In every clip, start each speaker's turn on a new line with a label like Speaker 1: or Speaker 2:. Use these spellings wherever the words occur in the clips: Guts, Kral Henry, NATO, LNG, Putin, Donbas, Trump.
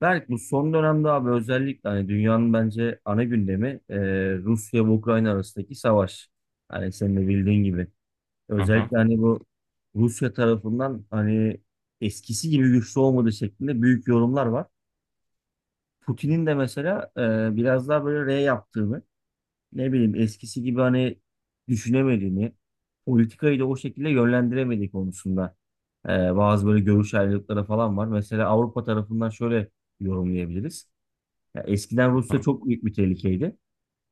Speaker 1: Berk bu son dönemde abi özellikle hani dünyanın bence ana gündemi Rusya ve Ukrayna arasındaki savaş. Hani senin de bildiğin gibi.
Speaker 2: Hı hı, hı
Speaker 1: Özellikle hani bu Rusya tarafından hani eskisi gibi güçlü olmadığı şeklinde büyük yorumlar var. Putin'in de mesela biraz daha böyle R yaptığını, ne bileyim eskisi gibi hani düşünemediğini, politikayı da o şekilde yönlendiremediği konusunda e, bazı böyle görüş ayrılıkları falan var. Mesela Avrupa tarafından şöyle yorumlayabiliriz. Ya eskiden Rusya
Speaker 2: hı.
Speaker 1: çok büyük bir tehlikeydi.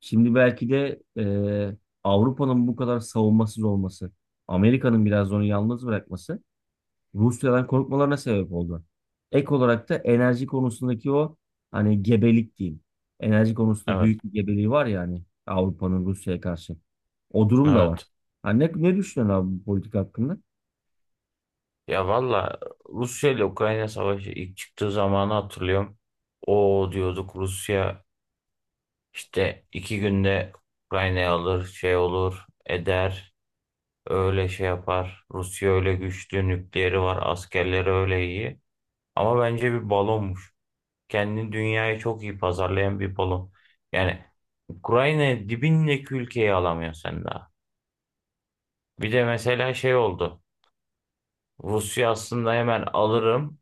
Speaker 1: Şimdi belki de Avrupa'nın bu kadar savunmasız olması, Amerika'nın biraz onu yalnız bırakması Rusya'dan korkmalarına sebep oldu. Ek olarak da enerji konusundaki o hani gebelik diyeyim. Enerji konusunda
Speaker 2: Evet,
Speaker 1: büyük bir gebeliği var ya hani Avrupa'nın Rusya'ya karşı. O durum da var.
Speaker 2: evet.
Speaker 1: Ha, ne düşünüyorsun abi bu politika hakkında?
Speaker 2: Ya valla Rusya ile Ukrayna savaşı ilk çıktığı zamanı hatırlıyorum. O diyorduk Rusya işte iki günde Ukrayna'yı alır, şey olur, eder, öyle şey yapar. Rusya öyle güçlü, nükleeri var, askerleri öyle iyi. Ama bence bir balonmuş. Kendini dünyayı çok iyi pazarlayan bir balon. Yani Ukrayna dibindeki ülkeyi alamıyor sen daha. Bir de mesela şey oldu. Rusya aslında hemen alırım.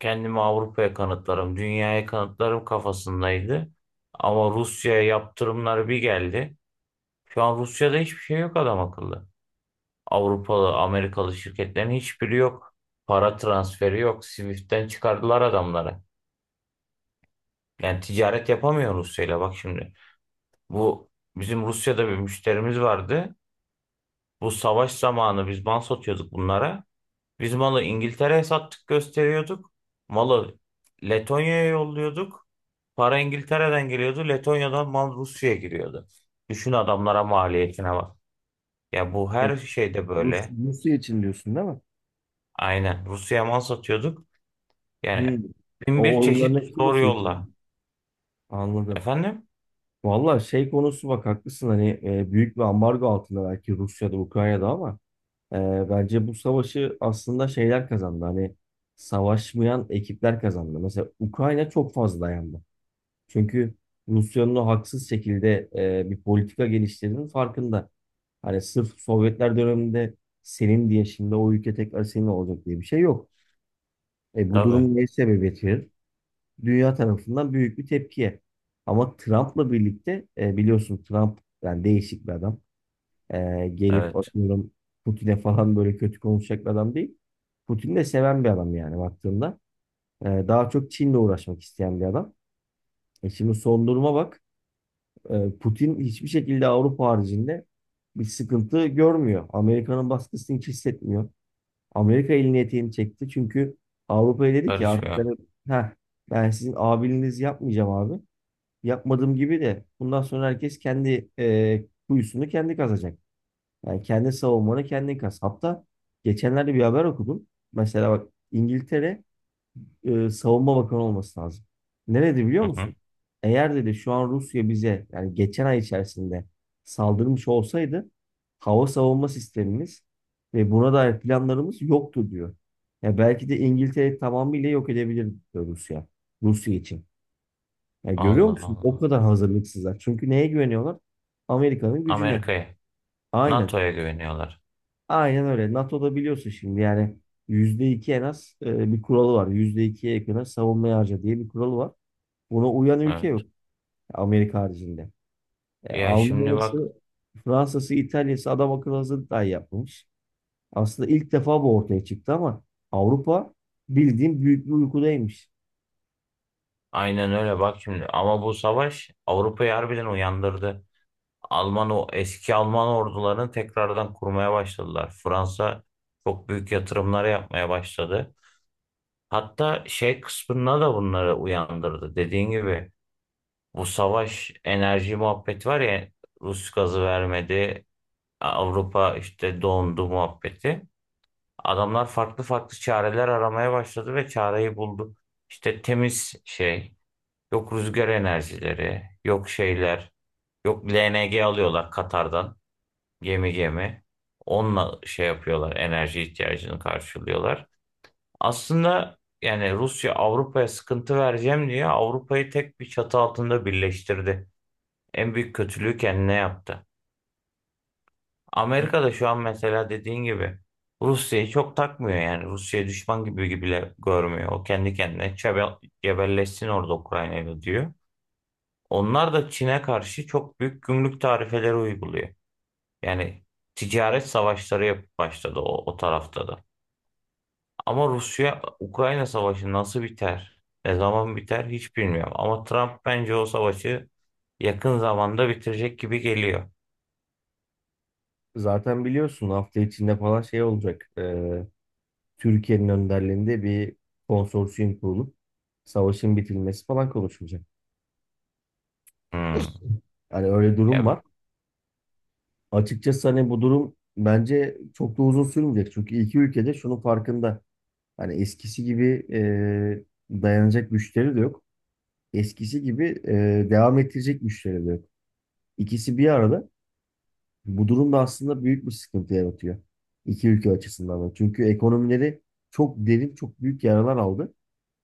Speaker 2: Kendimi Avrupa'ya kanıtlarım, dünyaya kanıtlarım kafasındaydı. Ama Rusya'ya yaptırımlar bir geldi. Şu an Rusya'da hiçbir şey yok adam akıllı. Avrupalı, Amerikalı şirketlerin hiçbiri yok. Para transferi yok. Swift'ten çıkardılar adamları. Yani ticaret yapamıyor Rusya'yla bak şimdi. Bu bizim Rusya'da bir müşterimiz vardı. Bu savaş zamanı biz mal satıyorduk bunlara. Biz malı İngiltere'ye sattık gösteriyorduk. Malı Letonya'ya yolluyorduk. Para İngiltere'den geliyordu. Letonya'dan mal Rusya'ya giriyordu. Düşün adamlara maliyetine bak. Ya bu
Speaker 1: Evet,
Speaker 2: her şeyde
Speaker 1: Rus,
Speaker 2: böyle.
Speaker 1: Rusya için diyorsun değil mi?
Speaker 2: Aynen. Rusya'ya mal satıyorduk. Yani
Speaker 1: Hı.
Speaker 2: bin bir
Speaker 1: O
Speaker 2: çeşit
Speaker 1: oyunların hepsi
Speaker 2: zor
Speaker 1: Rusya
Speaker 2: yolla.
Speaker 1: için. Anladım.
Speaker 2: Efendim?
Speaker 1: Valla şey konusu bak haklısın hani büyük bir ambargo altında belki Rusya'da Ukrayna'da ama e, bence bu savaşı aslında şeyler kazandı hani savaşmayan ekipler kazandı. Mesela Ukrayna çok fazla dayandı. Çünkü Rusya'nın o haksız şekilde bir politika geliştirdiğinin farkında. Hani sırf Sovyetler döneminde senin diye şimdi o ülke tekrar senin olacak diye bir şey yok. Bu
Speaker 2: Tabii.
Speaker 1: durum ne sebebiyet verir? Dünya tarafından büyük bir tepkiye. Ama Trump'la birlikte biliyorsun Trump yani değişik bir adam. Gelip
Speaker 2: Evet.
Speaker 1: atıyorum Putin'e falan böyle kötü konuşacak bir adam değil. Putin'i de seven bir adam yani baktığında. Daha çok Çin'le uğraşmak isteyen bir adam. Şimdi son duruma bak. Putin hiçbir şekilde Avrupa haricinde bir sıkıntı görmüyor. Amerika'nın baskısını hiç hissetmiyor. Amerika elini eteğini çekti. Çünkü Avrupa'ya dedi ki artık
Speaker 2: Karışmıyor.
Speaker 1: ben, heh, ben sizin abiliğinizi yapmayacağım abi, yapmadığım gibi de bundan sonra herkes kendi kuyusunu kendi kazacak. Yani kendi savunmanı kendin kaz. Hatta geçenlerde bir haber okudum. Mesela bak İngiltere savunma bakanı olması lazım. Nerede biliyor
Speaker 2: Hı hı.
Speaker 1: musun? Eğer dedi şu an Rusya bize yani geçen ay içerisinde saldırmış olsaydı hava savunma sistemimiz ve buna dair planlarımız yoktu diyor. Ya belki de İngiltere tamamıyla yok edebilir diyor Rusya. Rusya için. Ya görüyor
Speaker 2: Allah
Speaker 1: musun? O
Speaker 2: Allah.
Speaker 1: kadar hazırlıksızlar. Çünkü neye güveniyorlar? Amerika'nın gücüne.
Speaker 2: Amerika'ya.
Speaker 1: Aynen.
Speaker 2: NATO'ya güveniyorlar.
Speaker 1: Aynen öyle. NATO'da biliyorsun şimdi yani %2 en az bir kuralı var. %2'ye yakın savunmaya harca diye bir kuralı var. Buna uyan ülke
Speaker 2: Evet.
Speaker 1: yok. Amerika haricinde.
Speaker 2: Ya şimdi bak.
Speaker 1: Almanya'sı, Fransa'sı, İtalya'sı adam akıllı hazırlık dahi yapmamış. Aslında ilk defa bu ortaya çıktı ama Avrupa bildiğin büyük bir uykudaymış.
Speaker 2: Aynen öyle bak şimdi. Ama bu savaş Avrupa'yı harbiden uyandırdı. Alman o eski Alman ordularını tekrardan kurmaya başladılar. Fransa çok büyük yatırımlar yapmaya başladı. Hatta şey kısmına da bunları uyandırdı. Dediğin gibi bu savaş enerji muhabbeti var ya, Rus gazı vermedi. Avrupa işte dondu muhabbeti. Adamlar farklı farklı çareler aramaya başladı ve çareyi buldu. İşte temiz şey, yok rüzgar enerjileri, yok şeyler, yok LNG alıyorlar Katar'dan gemi gemi. Onunla şey yapıyorlar, enerji ihtiyacını karşılıyorlar. Aslında yani Rusya Avrupa'ya sıkıntı vereceğim diye Avrupa'yı tek bir çatı altında birleştirdi. En büyük kötülüğü kendine yaptı. Amerika da şu an mesela dediğin gibi Rusya'yı çok takmıyor yani. Rusya'yı düşman gibi bile görmüyor. O kendi kendine cebelleşsin orada Ukrayna'yla diyor. Onlar da Çin'e karşı çok büyük gümrük tarifeleri uyguluyor. Yani ticaret savaşları yapıp başladı o tarafta da. Ama Rusya-Ukrayna savaşı nasıl biter, ne zaman biter hiç bilmiyorum. Ama Trump bence o savaşı yakın zamanda bitirecek gibi geliyor.
Speaker 1: Zaten biliyorsun hafta içinde falan şey olacak. Türkiye'nin önderliğinde bir konsorsiyum kurulup savaşın bitilmesi falan konuşulacak.
Speaker 2: Hmm.
Speaker 1: Yani öyle durum
Speaker 2: Ya,
Speaker 1: var. Açıkçası hani bu durum bence çok da uzun sürmeyecek. Çünkü iki ülkede şunun farkında. Hani eskisi gibi dayanacak güçleri de yok. Eskisi gibi devam ettirecek güçleri de yok. İkisi bir arada. Bu durum da aslında büyük bir sıkıntı yaratıyor. İki ülke açısından da. Çünkü ekonomileri çok derin, çok büyük yaralar aldı.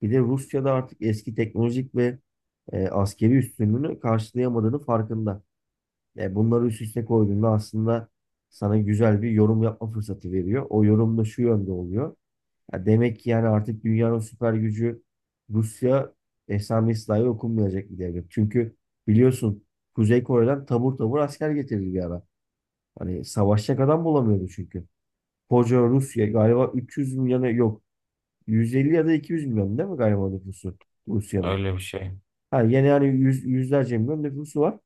Speaker 1: Bir de Rusya'da artık eski teknolojik ve askeri üstünlüğünü karşılayamadığını farkında. Bunları üst üste koyduğunda aslında sana güzel bir yorum yapma fırsatı veriyor. O yorum da şu yönde oluyor. Ya demek ki yani artık dünyanın süper gücü Rusya esamesi dahi okunmayacak bir devlet. Çünkü biliyorsun Kuzey Kore'den tabur tabur asker getirdi bir ara. Hani savaşacak adam bulamıyordu çünkü. Koca Rusya galiba 300 milyona yok. 150 ya da 200 milyon değil mi galiba nüfusu Rusya'nın?
Speaker 2: öyle bir şey.
Speaker 1: Ha, yani yüzlerce milyon nüfusu var.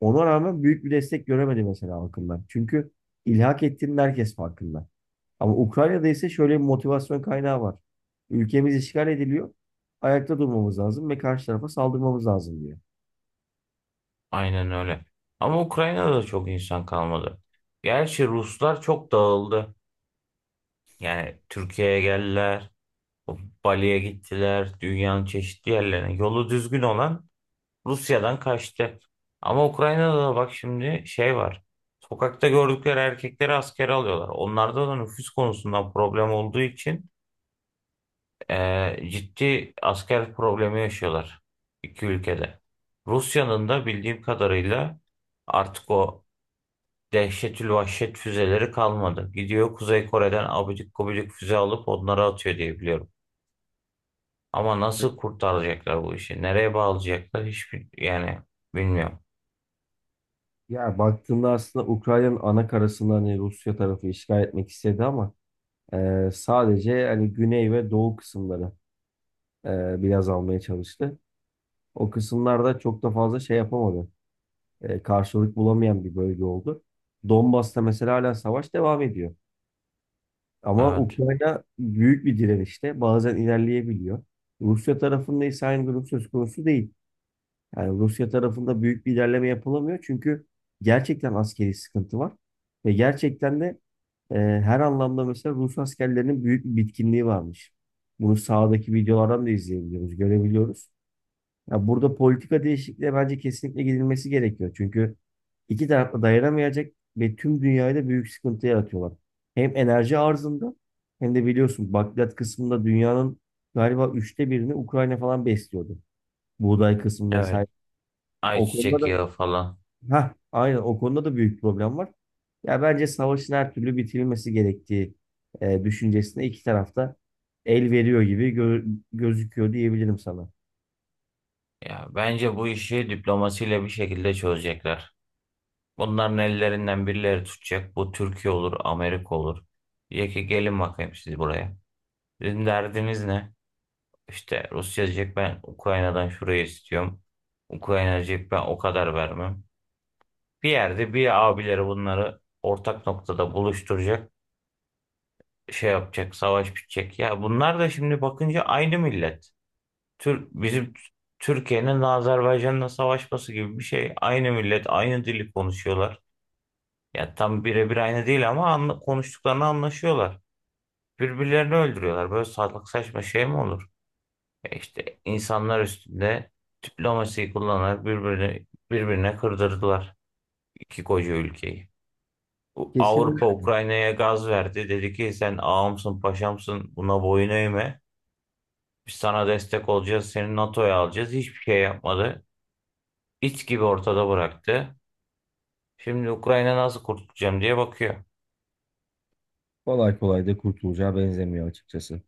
Speaker 1: Ona rağmen büyük bir destek göremedi mesela halkından. Çünkü ilhak ettiğinin herkes farkında. Ama Ukrayna'da ise şöyle bir motivasyon kaynağı var. Ülkemiz işgal ediliyor. Ayakta durmamız lazım ve karşı tarafa saldırmamız lazım diyor.
Speaker 2: Aynen öyle. Ama Ukrayna'da da çok insan kalmadı. Gerçi Ruslar çok dağıldı. Yani Türkiye'ye geldiler. Bali'ye gittiler, dünyanın çeşitli yerlerine. Yolu düzgün olan Rusya'dan kaçtı. Ama Ukrayna'da da bak şimdi şey var. Sokakta gördükleri erkekleri askere alıyorlar. Onlarda da nüfus konusundan problem olduğu için ciddi asker problemi yaşıyorlar iki ülkede. Rusya'nın da bildiğim kadarıyla artık o dehşetül vahşet füzeleri kalmadı. Gidiyor Kuzey Kore'den abidik gubidik füze alıp onları atıyor diye biliyorum. Ama nasıl kurtaracaklar bu işi? Nereye bağlayacaklar? Hiçbir yani bilmiyorum.
Speaker 1: Ya baktığında aslında Ukrayna'nın ana karasını hani Rusya tarafı işgal etmek istedi ama sadece hani güney ve doğu kısımları biraz almaya çalıştı. O kısımlarda çok da fazla şey yapamadı. Karşılık bulamayan bir bölge oldu. Donbas'ta mesela hala savaş devam ediyor. Ama
Speaker 2: Evet.
Speaker 1: Ukrayna büyük bir direnişte bazen ilerleyebiliyor. Rusya tarafında ise aynı durum söz konusu değil. Yani Rusya tarafında büyük bir ilerleme yapılamıyor çünkü gerçekten askeri sıkıntı var. Ve gerçekten de her anlamda mesela Rus askerlerinin büyük bir bitkinliği varmış. Bunu sahadaki videolardan da izleyebiliyoruz, görebiliyoruz. Ya burada politika değişikliğe bence kesinlikle gidilmesi gerekiyor. Çünkü iki taraf da dayanamayacak ve tüm dünyayı da büyük sıkıntı yaratıyorlar. Hem enerji arzında hem de biliyorsun bakliyat kısmında dünyanın galiba 1/3'ünü Ukrayna falan besliyordu. Buğday kısmı
Speaker 2: Evet.
Speaker 1: vesaire. O konuda
Speaker 2: Ayçiçek
Speaker 1: da,
Speaker 2: yağı falan.
Speaker 1: ha aynen, o konuda da büyük problem var. Ya bence savaşın her türlü bitirilmesi gerektiği düşüncesine iki tarafta el veriyor gibi gözüküyor diyebilirim sana.
Speaker 2: Ya bence bu işi diplomasiyle bir şekilde çözecekler. Bunların ellerinden birileri tutacak. Bu Türkiye olur, Amerika olur. Diyecek ki gelin bakayım siz buraya. Sizin derdiniz ne? İşte Rusya diyecek ben Ukrayna'dan şurayı istiyorum. Ukrayna diyecek ben o kadar vermem. Bir yerde bir abileri bunları ortak noktada buluşturacak. Şey yapacak, savaş bitecek. Ya bunlar da şimdi bakınca aynı millet. Tür, bizim Türkiye'nin Azerbaycan'la savaşması gibi bir şey. Aynı millet, aynı dili konuşuyorlar. Ya tam birebir aynı değil ama anla, konuştuklarını anlaşıyorlar. Birbirlerini öldürüyorlar. Böyle salak saçma şey mi olur? E işte insanlar üstünde diplomasiyi kullanarak birbirini birbirine kırdırdılar iki koca ülkeyi. Bu
Speaker 1: Kesin.
Speaker 2: Avrupa Ukrayna'ya gaz verdi. Dedi ki sen ağamsın paşamsın buna boyun eğme. Biz sana destek olacağız, seni NATO'ya alacağız. Hiçbir şey yapmadı. İç gibi ortada bıraktı. Şimdi Ukrayna nasıl kurtulacağım diye bakıyor.
Speaker 1: Kolay kolay da kurtulacağı benzemiyor açıkçası.